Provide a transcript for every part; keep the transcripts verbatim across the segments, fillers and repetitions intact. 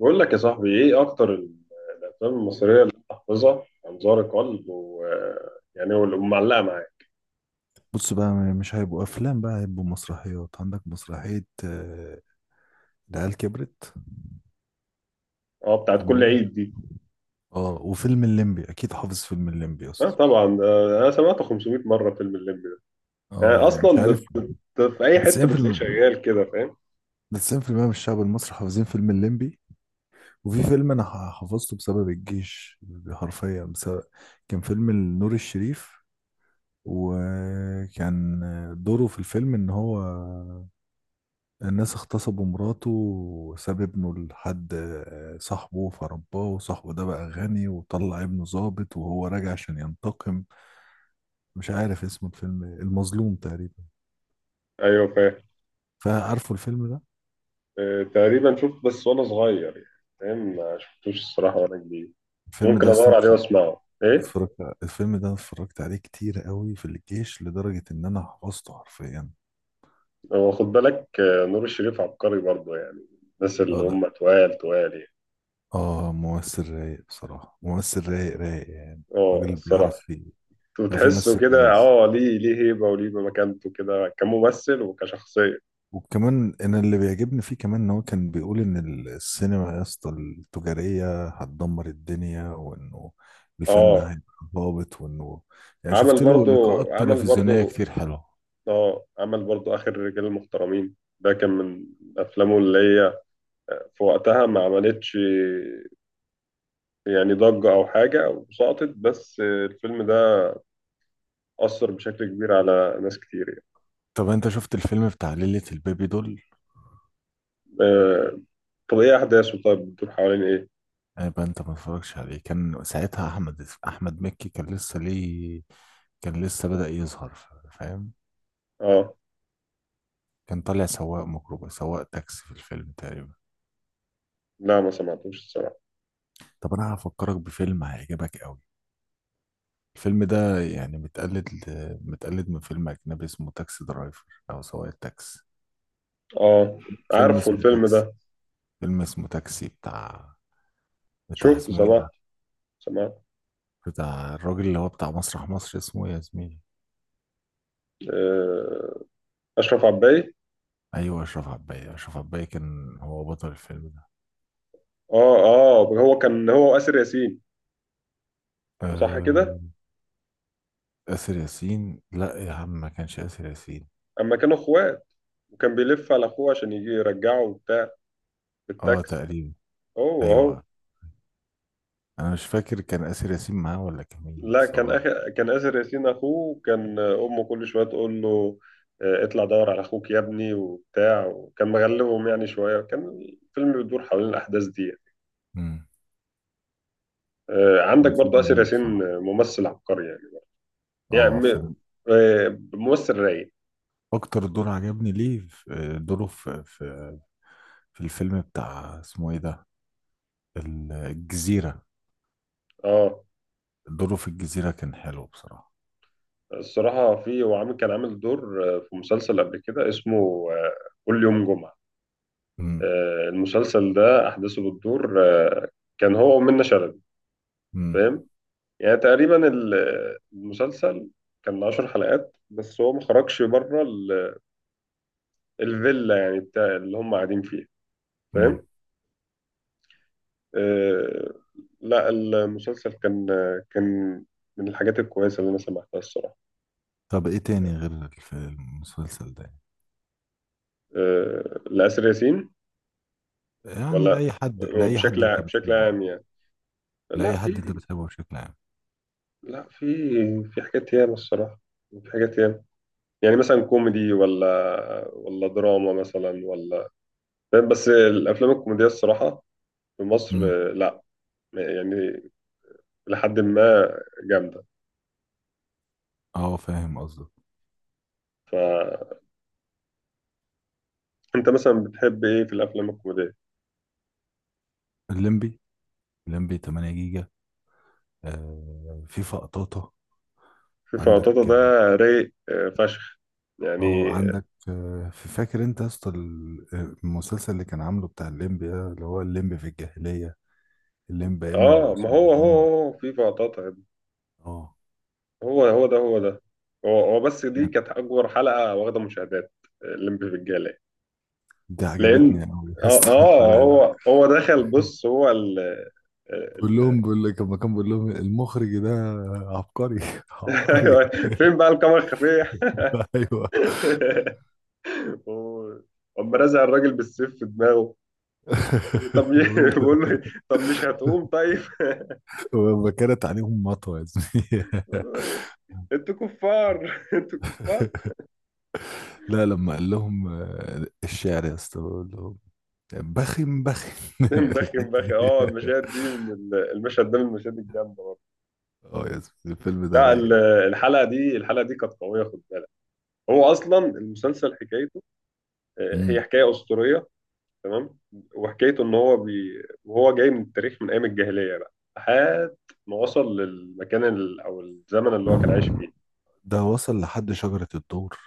بقول لك يا صاحبي ايه اكتر ال- الافلام المصريه اللي أنا حافظها انظار قلب و يعني هو اللي معلقه معايا. بص بقى مش هيبقوا افلام بقى هيبقوا مسرحيات، عندك مسرحية آه، العيال كبرت. اه، بتاعت كل تمام. عيد دي. اه وفيلم الليمبي اكيد، حافظ فيلم الليمبي يا اه اسطى. طبعا، ده انا سمعته خمسمية مره فيلم الليمبي ده. يعني اه يعني مش اصلا عارف، بت- في اي ده حته بتلاقيه تسعين بالمية، شغال كده، فاهم؟ ده تسعين في المية من الشعب المصري حافظين فيلم الليمبي. وفي فيلم انا ح- حفظته بسبب الجيش، حرفيا بسبب، كان فيلم نور الشريف، وكان دوره في الفيلم ان هو الناس اغتصبوا مراته وساب ابنه لحد آه، صاحبه فرباه، وصاحبه ده بقى غني وطلع ابنه ضابط وهو راجع عشان ينتقم. مش عارف اسم الفيلم إيه، المظلوم تقريبا. ايوه فاهم. فعارفه الفيلم ده. آه، تقريبا شفت بس وانا صغير، يعني فاهم. ما شفتوش الصراحه وانا كبير. الفيلم ممكن ده ادور اصلا عليه اتف- واسمعه. ايه اتفرجت الفيلم ده، أنا اتفرجت عليه كتير قوي في الجيش لدرجة ان انا حفظته حرفيا. هو، خد بالك آه، نور الشريف عبقري برضه يعني. الناس اه اللي لا. هم توال توال يعني. اه ممثل رايق بصراحة، ممثل رايق رايق يعني. اه راجل بيعرف الصراحه. فيه، بيعرف وتحسه يمثل كده، كويس. اه ليه ليه هيبة وليه مكانته كده كممثل وكشخصية. وكمان انا اللي بيعجبني فيه كمان ان هو كان بيقول ان ال- السينما يا اسطى التجاريه هتدمر الدنيا، وانه الفن اه هيبقى ضابط، وانه يعني عمل شفت له برضو، لقاءات عمل تلفزيونيه برضو. كتير حلوه. اه عمل برضو آخر رجال المحترمين، ده كان من أفلامه اللي هي آه، في وقتها ما عملتش يعني ضجة أو حاجة، أو سقطت، بس الفيلم ده أثر بشكل كبير على ناس كتير يعني. طب انت شفت الفيلم بتاع ليلة البيبي دول؟ آه، طب إيه أحداثه؟ طيب بتدور حوالين إيه؟ يبقى انت ما اتفرجش عليه. كان ساعتها احمد احمد مكي كان لسه ليه، كان لسه بدأ يظهر، فاهم. اه كان طالع سواق ميكروباص، سواق تاكسي في الفيلم تقريبا. لا، ما سمعتوش الصراحة. طب انا هفكرك بفيلم هيعجبك قوي. الفيلم ده يعني متقلد، متقلد من فيلم أجنبي اسمه تاكسي درايفر، أو سواق التاكسي. اه، فيلم عارفه اسمه الفيلم تاكسي، ده، فيلم اسمه تاكسي بتاع، بتاع شفته، اسمه إيه سمعت ده، سمعت. بتاع الراجل اللي هو بتاع مسرح مصر اسمه إيه يا زميلي؟ اشرف عباي. أيوه أشرف عباية، أشرف عباية كان هو بطل الفيلم ده. اه اه، هو كان هو واسر ياسين، صح آه. كده؟ آسر ياسين؟ لا يا عم، ما كانش آسر ياسين. اما كانوا اخوات، وكان بيلف على اخوه عشان يجي يرجعه وبتاع اه بالتاكس. تقريبا. هو اهو. أيوه. أنا مش فاكر كان آسر ياسين معاه ولا كان مين، لا بس كان هو. أخ... كان اسر ياسين اخوه، وكان امه كل شويه تقول له آه، اطلع دور على اخوك يا ابني وبتاع، وكان مغلبهم يعني شويه. كان الفيلم بيدور حوالين الاحداث دي يعني. مم. آه، هو عندك برضه الفيلم اسر رايق ياسين، بصراحة. ممثل عبقري يعني. يعني اه م- فيلم، آه، ممثل رايق. اكتر دور عجبني ليه في- دوره في في في الفيلم بتاع اسمه ايه ده، الجزيرة. اه دوره في الجزيرة كان حلو بصراحة. الصراحة، في هو عامل، كان عامل دور آه، في مسلسل قبل كده اسمه آه، كل يوم جمعة. امم. آه، المسلسل ده أحداثه بتدور، آه، كان هو ومنة شلبي، امم. فاهم؟ يعني تقريبا ال- آه، المسلسل كان عشر حلقات، بس هو ما خرجش بره ال- الفيلا يعني بتاع اللي هم قاعدين فيها، امم. فاهم؟ آه، لا المسلسل كان آه، كان من الحاجات الكويسة اللي أنا سمعتها الصراحة. طب ايه تاني غير في المسلسل ده؟ آه، لآسر ياسين، يعني ولا لأي حد، هو لأي حد بشكل انت بشكل بتحبه يعني. عام يعني. لا لأي حد في، انت بتحبه بشكل عام. لا في، في حاجات ياما الصراحة، في حاجات ياما يعني. مثلا كوميدي ولا ولا دراما مثلا، ولا فاهم؟ بس الأفلام الكوميدية الصراحة في مصر امم. آه، لا يعني، لحد ما جامدة. اه فاهم قصدك. فأنت مثلا بتحب إيه في الأفلام الكوميدية؟ الليمبي، الليمبي ثمانية جيجا. آه في فقطاطة. في عندك. فواتاتا ده، رايق آه، فشخ يعني. اه عندك، آه، في- فاكر انت يا اسطى ال- آه، المسلسل اللي كان عامله بتاع الليمبي ده، اللي هو الليمبي في الجاهلية، الليمبي ايام آه، ما هو هو العثمانيين. هو في فواتاتا يا ابني. اه هو هو ده، هو ده هو هو، بس دي جامد. كانت أكبر حلقة واخدة مشاهدات. آه، الليمبي في الجالة، دي لان عجبتني قوي يا اه اسطى اه الحلقة دي. هو هو دخل، بص هو ال بقول ال لهم بقول لك، لما كان بقول لهم المخرج ده عبقري عبقري ايوه، فين بقى الكاميرا الخفيه؟ ايوه هو- قام رازع الراجل بالسيف في دماغه. طب ي- بقول- بيقول له طب مش هتقوم طيب. ولما كانت عليهم مطوه يا زميلي بيقول له إيه؟ انتوا كفار، انتوا كفار. لا، لما قال لهم آه، الشعر يا اسطى، بقول لهم بخم بخم مبخي الحته مبخي، دي. اه المشاهد دي من ال- المشهد ده من المشاهد الجامده برضه. اه يا زميلي، الفيلم ده لا ال- رايق. الحلقه دي الحلقه دي كانت قويه، خد بالك. هو اصلا المسلسل حكايته، آه، هي امم. حكايه اسطوريه، تمام؟ وحكايته ان هو بي... وهو جاي من التاريخ من ايام الجاهليه بقى، لحد ما وصل للمكان ال... او الزمن اللي هو كان عايش فيه. ده وصل لحد شجرة الدور.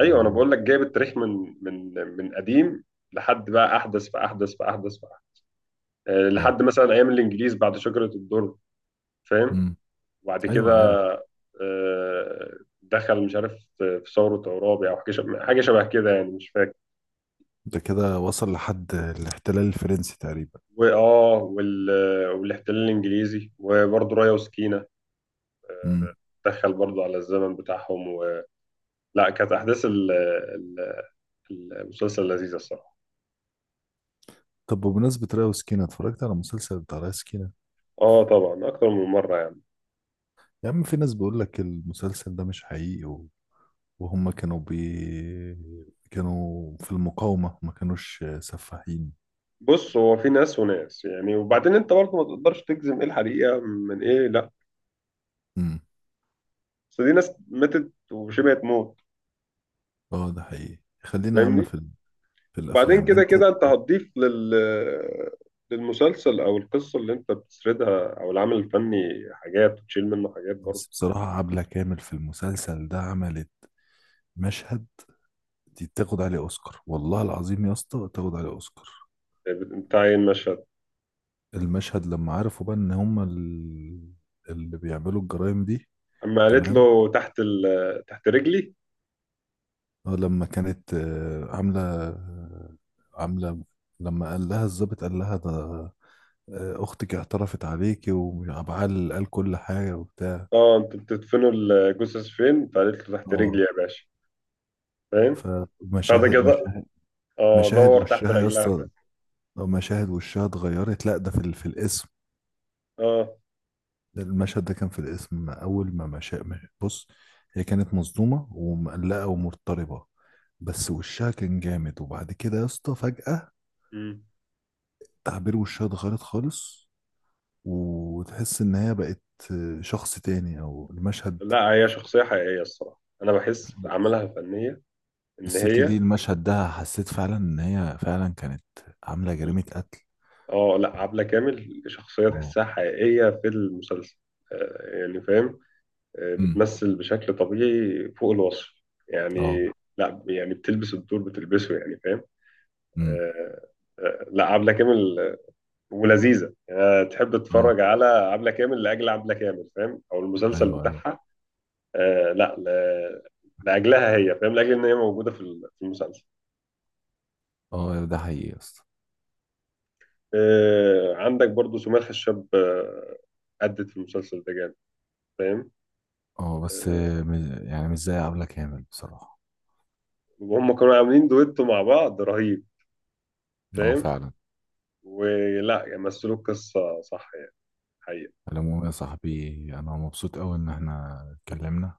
ايوه انا اوه. بقول لك جايب التاريخ من من من قديم لحد بقى احدث، فاحدث، فاحدث، فأحدث. أه اه. لحد مثلا ايام الانجليز بعد شجره الدر، فاهم؟ امم. وبعد ايوه عارف. كده أه دخل، مش عارف، في ثوره عرابي او حاجه، شبه حاجة شبه كده يعني، مش فاكر. ده كده وصل لحد الاحتلال الفرنسي تقريبا. واه وال... والاحتلال الانجليزي، وبرضه رايه وسكينه امم. دخل برضه على الزمن بتاعهم. لا، كانت احداث ال- ال- المسلسل لذيذه الصراحه. طب بمناسبة ريا وسكينة، اتفرجت على مسلسل بتاع ريا وسكينة. اه طبعا اكتر من مره يعني. يا عم في ناس بيقول لك المسلسل ده مش حقيقي، و... وهم كانوا بي... كانوا في المقاومة ما كانوش سفاحين. بص هو في ناس وناس يعني، وبعدين انت برضه ما تقدرش تجزم ايه الحقيقه من ايه. لا امم. بس دي ناس ماتت وشبه تموت، اه ده حقيقي، خلينا يا عم فاهمني؟ في ال... في وبعدين الأفلام كده انت. كده انت هتضيف لل للمسلسل او القصه اللي انت بتسردها او العمل الفني حاجات، وتشيل منه حاجات برضه. بس بصراحة عبلة كامل في المسلسل ده عملت مشهد، دي تاخد عليه اوسكار، والله العظيم يا اسطى تاخد عليه اوسكار. بتاع ايه المشهد؟ المشهد لما عرفوا بقى ان هما ال- اللي بيعملوا الجرائم دي. اما قالت تمام. له تحت ال... تحت رجلي. اه لما كانت آه، عامله آه، عامله، لما قال لها الضابط قال لها ده آه، اختك اعترفت عليكي وعبعال قال كل حاجه وبتاع. اه انتوا بتدفنوا الجثث فين؟ فقالت له تحت رجلي اه يا باشا، فاهم؟ فده فمشاهد، كده مشاهد اه مشاهد دور تحت وشها يا رجلها ف... اسطى، آه، مشاهد وشها اتغيرت، لا ده في ال- في الاسم. اه، المشهد ده كان في الاسم أول ما مشى. بص، هي كانت مصدومة ومقلقة ومضطربة، بس وشها كان جامد، وبعد كده يا اسطى فجأة مم. تعبير وشها اتغيرت خالص، وتحس إن هي بقت شخص تاني، أو المشهد، لا هي شخصية حقيقية الصراحة، أنا بحس في أعمالها الفنية إن الست هي، دي المشهد ده حسيت فعلا إن هي فعلا كانت عاملة جريمة قتل. اه لا عبلة كامل شخصية اه. تحسها حقيقية في المسلسل. آه، يعني فاهم، آه، امم. بتمثل بشكل طبيعي فوق الوصف اه. يعني. لا يعني بتلبس الدور، بتلبسه يعني، فاهم؟ امم. آه، آه، لا عبلة كامل، آه، ولذيذة يعني. أنا تحب اه. تتفرج على عبلة كامل لأجل عبلة كامل، فاهم؟ أو المسلسل ايوه ايوه. بتاعها. آه لا ل- لاجلها هي، فاهم، لاجل ان هي موجوده في ال- في المسلسل. اه ده حقيقي يا اسطى. آه عندك برضو سمية الخشاب، آه، أدت في المسلسل ده جامد، فاهم؟ اه بس، آه، آه، مش- يعني مش زي عبلة كامل بصراحة. وهم كانوا عاملين دويتو مع بعض رهيب، اه فاهم؟ فعلا. ولا يعني، مثلوا القصه صح يعني، حقيقة. على العموم يا صاحبي، انا مبسوط قوي ان احنا اتكلمنا،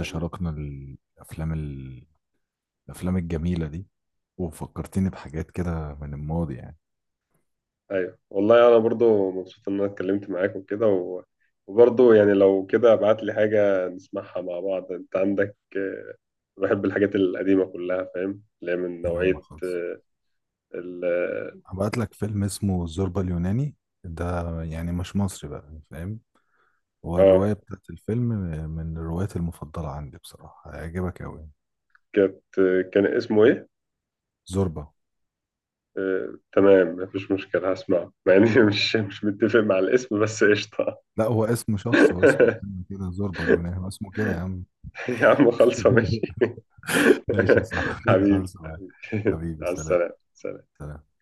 حبيبي. الافلام ال- الافلام الجميله دي، وفكرتني بحاجات كده من الماضي يعني. ايوه والله انا برضو مبسوط ان انا اتكلمت معاك وكده و، وبرضو يعني لو كده ابعت لي حاجه نسمعها مع بعض. انت عندك آه، بحب الحاجات القديمه كلها، فاهم؟ اللي هي من يا عم نوعيه خلص، آه، ال هبعت لك فيلم اسمه الزوربة اليوناني. ده يعني مش مصري بقى، فاهم. هو اه، الروايه بتاعت الفيلم من الروايات المفضله عندي بصراحه، هيعجبك قوي. كانت، كان اسمه ايه؟ زوربة. آه، تمام، مفيش مشكلة، هسمعه مع اني مش مش متفق مع الاسم، بس قشطة. لا هو اسم شخص، هو اسم فيلم كده، زوربة اليوناني، هو اسمه كده يا عم يا عم خلصة ماشي. ماشي يا صاحبي، حبيبي. خلص معاك. حبيبي على سلام. السلامة. سلام.